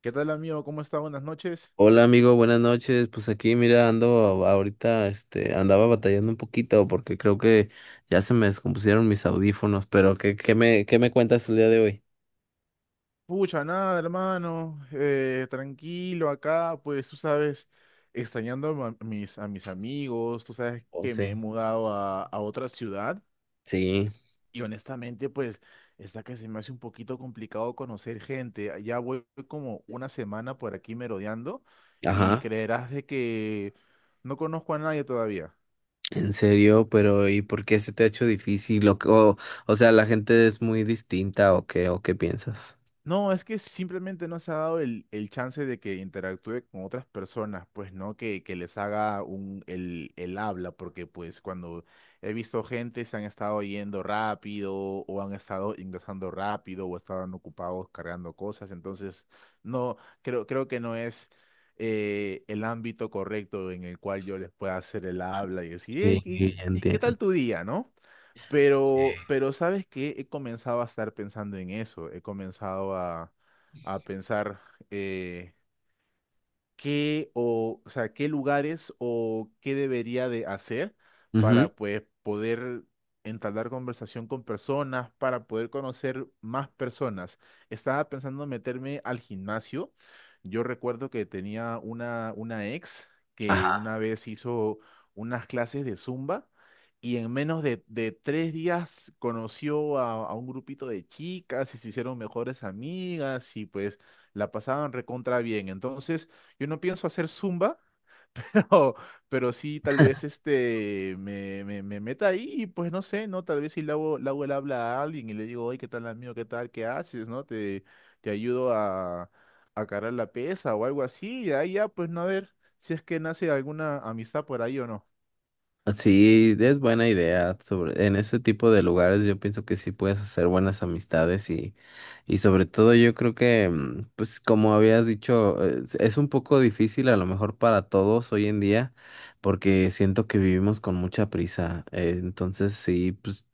¿Qué tal, amigo? ¿Cómo está? Buenas noches. Hola amigo, buenas noches. Pues aquí mira, ando ahorita, andaba batallando un poquito porque creo que ya se me descompusieron mis audífonos, pero ¿ qué me cuentas el día de hoy? Pucha, nada, hermano. Tranquilo acá, pues tú sabes, extrañando a mis amigos, tú sabes Oh, que sí. me he mudado a otra ciudad Sí, y honestamente, pues está que se me hace un poquito complicado conocer gente. Ya voy como una semana por aquí merodeando y ajá. creerás de que no conozco a nadie todavía. En serio, pero ¿y por qué se te ha hecho difícil? O sea, ¿la gente es muy distinta o qué piensas? No, es que simplemente no se ha dado el chance de que interactúe con otras personas, pues, ¿no? Que les haga el habla, porque pues cuando he visto gente se han estado yendo rápido o han estado ingresando rápido o estaban ocupados cargando cosas, entonces no, creo que no es el ámbito correcto en el cual yo les pueda hacer el habla y decir: "Ey, Sí, ¿y qué entiendo. tal tu día, ¿no?". Pero, pero ¿sabes que he comenzado a estar pensando en eso, he comenzado a pensar, eh, qué o sea, qué lugares o qué debería de hacer Ujú. para pues poder entablar conversación con personas, para poder conocer más personas. Estaba pensando meterme al gimnasio. Yo recuerdo que tenía una ex que Ajá. una vez hizo unas clases de Zumba. Y en menos de tres días conoció a un grupito de chicas y se hicieron mejores amigas y pues la pasaban recontra bien. Entonces, yo no pienso hacer zumba, no, pero sí tal vez este me meta ahí y pues no sé, ¿no? Tal vez si le hago el habla a alguien y le digo: oye, ¿qué tal, amigo? ¿Qué tal? ¿Qué haces? ¿No? Te ayudo a cargar la pesa o algo así, y ahí ya, pues no, a ver si es que nace alguna amistad por ahí o no. Sí, es buena idea. Sobre, en ese tipo de lugares yo pienso que sí puedes hacer buenas amistades. Y sobre todo yo creo que, mm, pues como habías dicho, es un poco difícil a lo mejor para todos hoy en día, porque siento que vivimos con mucha prisa. Entonces sí, pues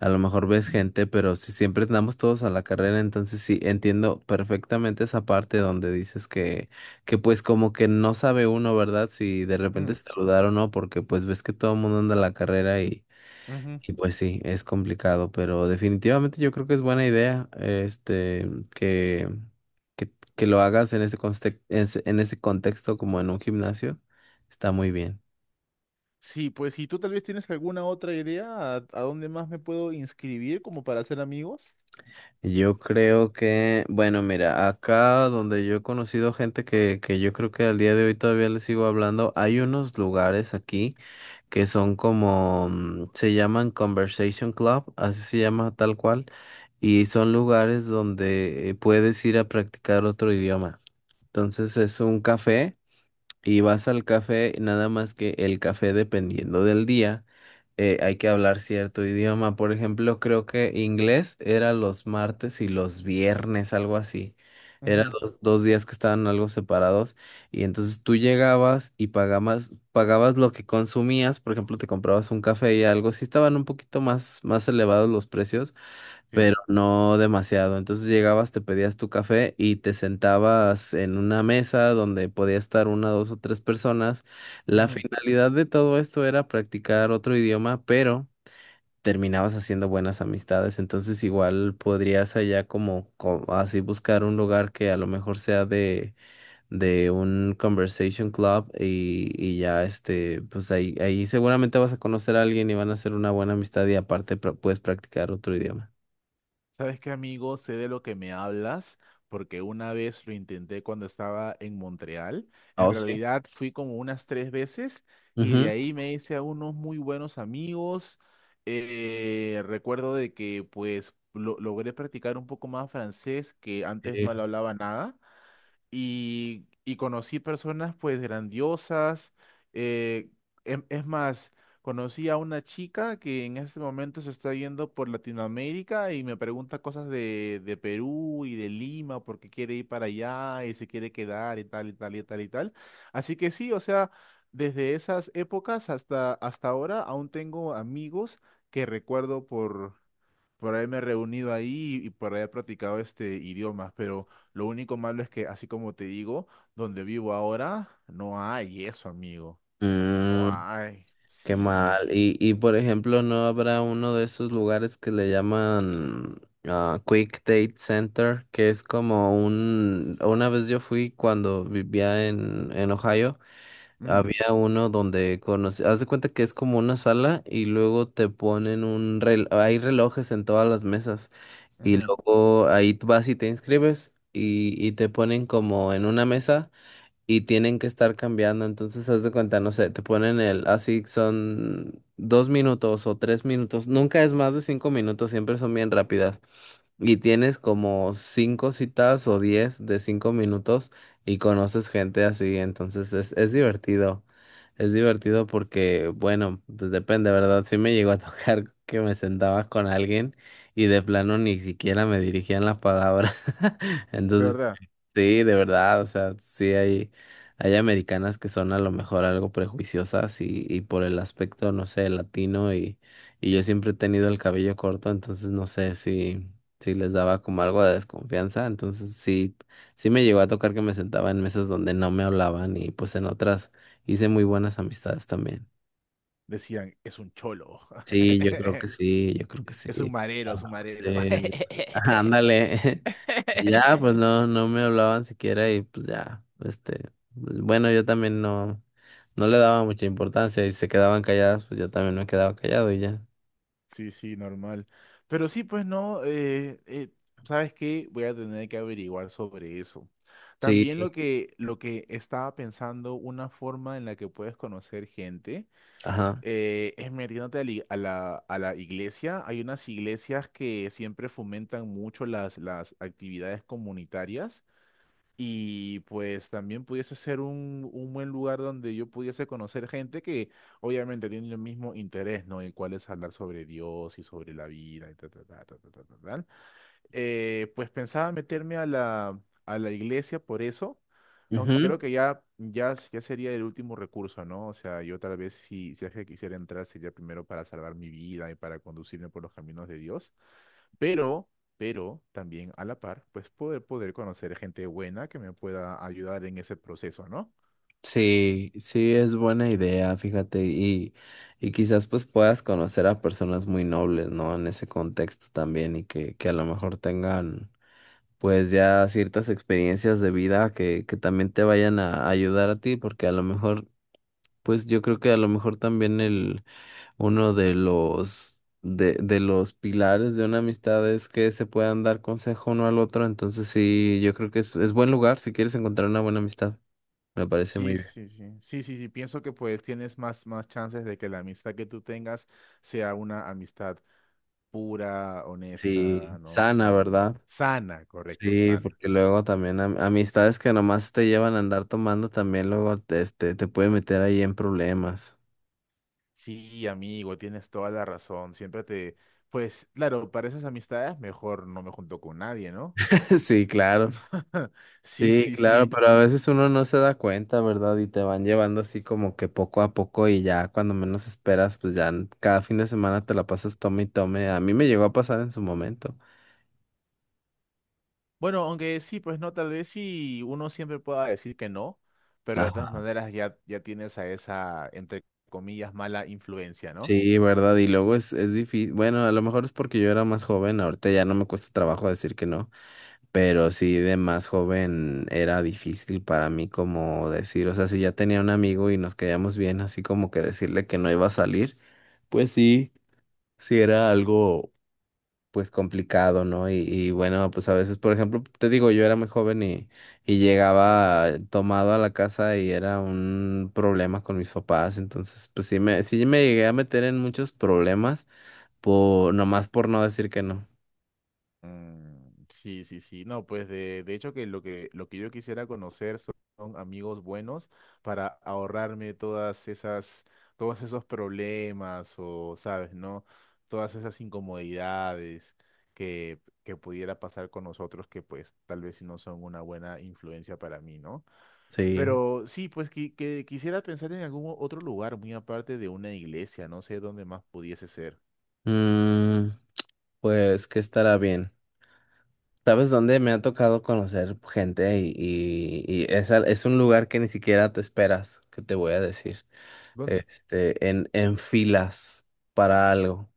a lo mejor ves gente, pero si siempre andamos todos a la carrera, entonces sí, entiendo perfectamente esa parte donde dices que pues como que no sabe uno, ¿verdad? Si de repente Mm. saludar o no, porque pues ves que todo el mundo anda a la carrera. Y... Ujú. Y pues sí, es complicado, pero definitivamente yo creo que es buena idea, que, que lo hagas en ese, en ese en ese contexto, como en un gimnasio. Está muy bien. Sí, pues si tú tal vez tienes alguna otra idea a dónde más me puedo inscribir como para hacer amigos. Yo creo que, bueno, mira, acá donde yo he conocido gente que yo creo que al día de hoy todavía les sigo hablando, hay unos lugares aquí que son como, mm, se llaman Conversation Club, así se llama tal cual, y son lugares donde puedes ir a practicar otro idioma. Entonces es un café. Y vas al café, nada más que el café, dependiendo del día, hay que hablar cierto idioma. Por ejemplo, creo que inglés era los martes y los viernes, algo así. Eran Ujú. los dos días que estaban algo separados. Y entonces tú llegabas y pagabas lo que consumías. Por ejemplo, te comprabas un café y algo. Sí estaban un poquito más elevados los precios, Sí. pero no demasiado. Entonces llegabas, te pedías tu café y te sentabas en una mesa donde podía estar una, dos o tres personas. La ujú. finalidad de todo esto era practicar otro idioma, pero terminabas haciendo buenas amistades. Entonces igual podrías allá como, así, buscar un lugar que a lo mejor sea de un conversation club, y ya este, pues ahí, ahí seguramente vas a conocer a alguien y van a hacer una buena amistad, y aparte puedes practicar otro idioma. ¿Sabes qué, amigo? Sé de lo que me hablas, porque una vez lo intenté cuando estaba en Montreal. En Oh, sí. realidad fui como unas tres veces y de Ujú. ahí me hice a unos muy buenos amigos. Recuerdo de que pues logré practicar un poco más francés, que antes Sí. no lo hablaba nada y conocí personas pues grandiosas. eh, es más, conocí a una chica que en este momento se está yendo por Latinoamérica y me pregunta cosas de Perú y de Lima porque quiere ir para allá y se quiere quedar y tal y tal y tal y tal. Así que sí, o sea, desde esas épocas hasta, hasta ahora aún tengo amigos que recuerdo, por ahí me he reunido ahí y por ahí he practicado este idioma, pero lo único malo es que, así como te digo, donde vivo ahora no hay eso, amigo. No Mm, hay. qué Sí. mal. Y por ejemplo, ¿no habrá uno de esos lugares que le llaman ah, Quick Date Center? Que es como un... Una vez yo fui cuando vivía en Ohio, Ujú. había uno donde conocí... Haz de cuenta que es como una sala y luego te ponen un reloj. Hay relojes en todas las mesas y Ujú. luego ahí tú vas y te inscribes, y te ponen como en una mesa. Y tienen que estar cambiando. Entonces, haz de cuenta, no sé, te ponen el, así son dos minutos o tres minutos. Nunca es más de cinco minutos, siempre son bien rápidas. Y tienes como cinco citas o diez de cinco minutos, y conoces gente así. Entonces, es divertido. Es divertido porque, bueno, pues depende, ¿verdad? Sí me llegó a tocar que me sentaba con alguien y de plano ni siquiera me dirigían la palabra. De Entonces, verdad. sí, de verdad, o sea, sí hay americanas que son a lo mejor algo prejuiciosas y por el aspecto, no sé, latino, y yo siempre he tenido el cabello corto, entonces no sé si, si les daba como algo de desconfianza, entonces sí, sí me llegó a tocar que me sentaba en mesas donde no me hablaban, y pues en otras hice muy buenas amistades también. Decían: es un cholo. Sí, yo creo que sí, yo creo que Es un sí. marero, es un Ah, sí. marero. Ándale. Y ya, pues no me hablaban siquiera y pues ya, este, pues, bueno, yo también no le daba mucha importancia, y se quedaban calladas, pues yo también me quedaba callado y ya. Sí, sí, normal. Pero sí, pues no, ¿sabes qué? Voy a tener que averiguar sobre eso. También Sí. lo que estaba pensando, una forma en la que puedes conocer gente, Ajá. Es metiéndote a la, i- a la iglesia. Hay unas iglesias que siempre fomentan mucho las actividades comunitarias. Y pues también pudiese ser un buen lugar donde yo pudiese conocer gente que obviamente tiene el mismo interés, ¿no? El cual es hablar sobre Dios y sobre la vida y tal, tal, tal, tal, tal, tal. Pues pensaba meterme a la iglesia por eso, aunque Ujú. creo que ya sería el último recurso, ¿no? O sea, yo tal vez si, si es que quisiera entrar sería primero para salvar mi vida y para conducirme por los caminos de Dios, pero, pero también a la par, pues poder conocer gente buena que me pueda ayudar en ese proceso, ¿no? Sí, sí, es buena idea, fíjate, y quizás pues puedas conocer a personas muy nobles, ¿no? En ese contexto también, y que a lo mejor tengan pues ya ciertas experiencias de vida que también te vayan a ayudar a ti, porque a lo mejor, pues yo creo que a lo mejor también el uno de los de los pilares de una amistad es que se puedan dar consejo uno al otro. Entonces sí, yo creo que es buen lugar si quieres encontrar una buena amistad. Me parece muy Sí, bien. sí, sí, sí, sí, sí, pienso que pues tienes más, más chances de que la amistad que tú tengas sea una amistad pura, honesta, Sí, ¿no? sana, Sin, ¿verdad? sana, correcto, Sí, sana. porque luego también amistades que nomás te llevan a andar tomando, también luego te, este, te puede meter ahí en problemas. Sí, amigo, tienes toda la razón. Pues, claro, para esas amistades mejor no me junto con nadie, ¿no? Sí, claro. Sí, Sí, sí, claro, sí. pero a veces uno no se da cuenta, ¿verdad? Y te van llevando así como que poco a poco, y ya cuando menos esperas, pues ya cada fin de semana te la pasas tome y tome. A mí me llegó a pasar en su momento. Bueno, aunque sí, pues no, tal vez sí uno siempre pueda decir que no, pero de todas Ajá. maneras ya, ya tienes a esa, entre comillas, mala influencia, ¿no? Sí, ¿verdad? Y luego es difícil. Bueno, a lo mejor es porque yo era más joven, ahorita ya no me cuesta trabajo decir que no, pero sí, de más joven era difícil para mí como decir, o sea, si ya tenía un amigo y nos caíamos bien, así como que decirle que no iba a salir, pues sí, sí era algo pues complicado, ¿no? Y bueno, pues a veces, por ejemplo, te digo, yo era muy joven y llegaba tomado a la casa y era un problema con mis papás, entonces pues sí me llegué a meter en muchos problemas por, nomás por no decir que no. Mm, sí, sí, sí. No, pues de hecho, que lo que yo quisiera conocer son amigos buenos para ahorrarme todas esas, todos esos problemas, o, sabes, ¿no? Todas esas incomodidades que pudiera pasar con nosotros, que pues tal vez sí no son una buena influencia para mí, ¿no? Sí. Pero sí, pues que quisiera pensar en algún otro lugar muy aparte de una iglesia, no sé dónde más pudiese ser. Mm, pues que estará bien. ¿Sabes dónde me ha tocado conocer gente? Es un lugar que ni siquiera te esperas, que te voy a decir, ¿Dónde? este, en filas para algo.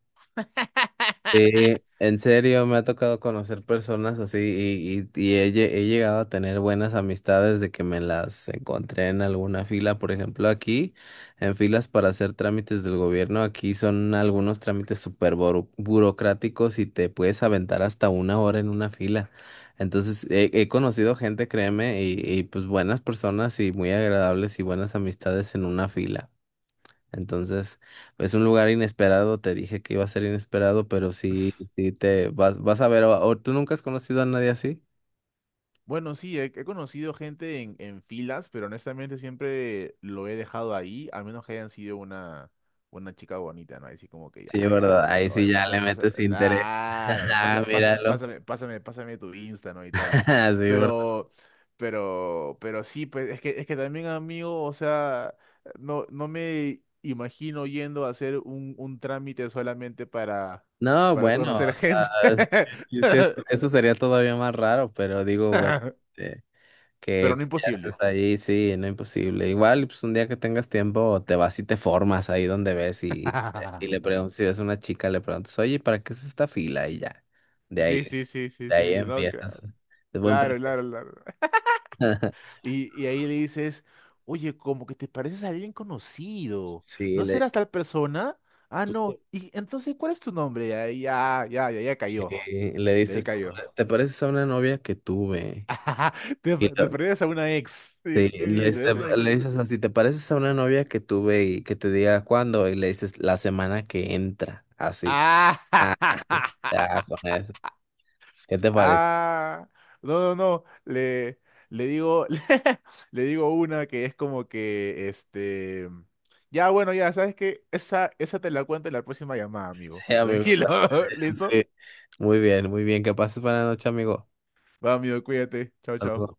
Sí, en serio, me ha tocado conocer personas así, y he, he llegado a tener buenas amistades de que me las encontré en alguna fila, por ejemplo, aquí, en filas para hacer trámites del gobierno, aquí son algunos trámites súper burocráticos, y te puedes aventar hasta una hora en una fila. Entonces, he conocido gente, créeme, y pues buenas personas y muy agradables y buenas amistades en una fila. Entonces, es un lugar inesperado, te dije que iba a ser inesperado, pero sí, sí te vas, vas a ver, o tú nunca has conocido a nadie así. Bueno, sí, he conocido gente en filas, pero honestamente siempre lo he dejado ahí, a menos que hayan sido una chica bonita, ¿no? Así como que Sí, ya, ¿verdad? le Ahí digo: sí oye, ya le pasa, pasa, metes interés. ah, me Ah, pasa, pasa, míralo. pásame, pásame, pásame tu Insta, ¿no? Y tal. Sí, ¿verdad? Pero, pero sí, pues es que también, amigo, o sea, no me imagino yendo a hacer un trámite solamente No, para bueno, o conocer gente. sea, sí, sí, eso sería todavía más raro, pero digo, bueno, eh, Pero no que ya estés imposible. ahí, sí, no imposible. Igual, pues un día que tengas tiempo, te vas y te formas ahí donde ves, y le preguntas, si ves una chica, le preguntas, oye, ¿para qué es esta fila? Y ya. De ahí. Sí, sí, sí, sí, De ahí sí, no, empiezas, claro, ¿no? De buen claro, pretexto. claro, claro. Y ahí le dices: oye, como que te pareces a alguien conocido, Sí, ¿no serás tal persona? Ah, no, y entonces, ¿cuál es tu nombre? Ya, ya, ya, ya, ya cayó, le de ahí dices, cayó. ¿te pareces a una novia que tuve? Te, Y te lo- pareces a una ex. Sí, sí, sí, sí, ¿no es una ex? le dices así, ¿te pareces a una novia que tuve? Y que te diga cuándo, y le dices, la semana que entra, así. Ah. Ah, ya, con eso. ¿Qué te parece? Ah, no, no, no, le digo, le digo una que es como que, ya, bueno, ya, ¿sabes que Esa te la cuento en la próxima llamada, amigo. Sí, amigo, Tranquilo. está muy bien, ¿Listo? sí. Muy bien, muy bien. Que pases buena noche, amigo. Va, amigo, cuídate. Chao, chao. Saludos.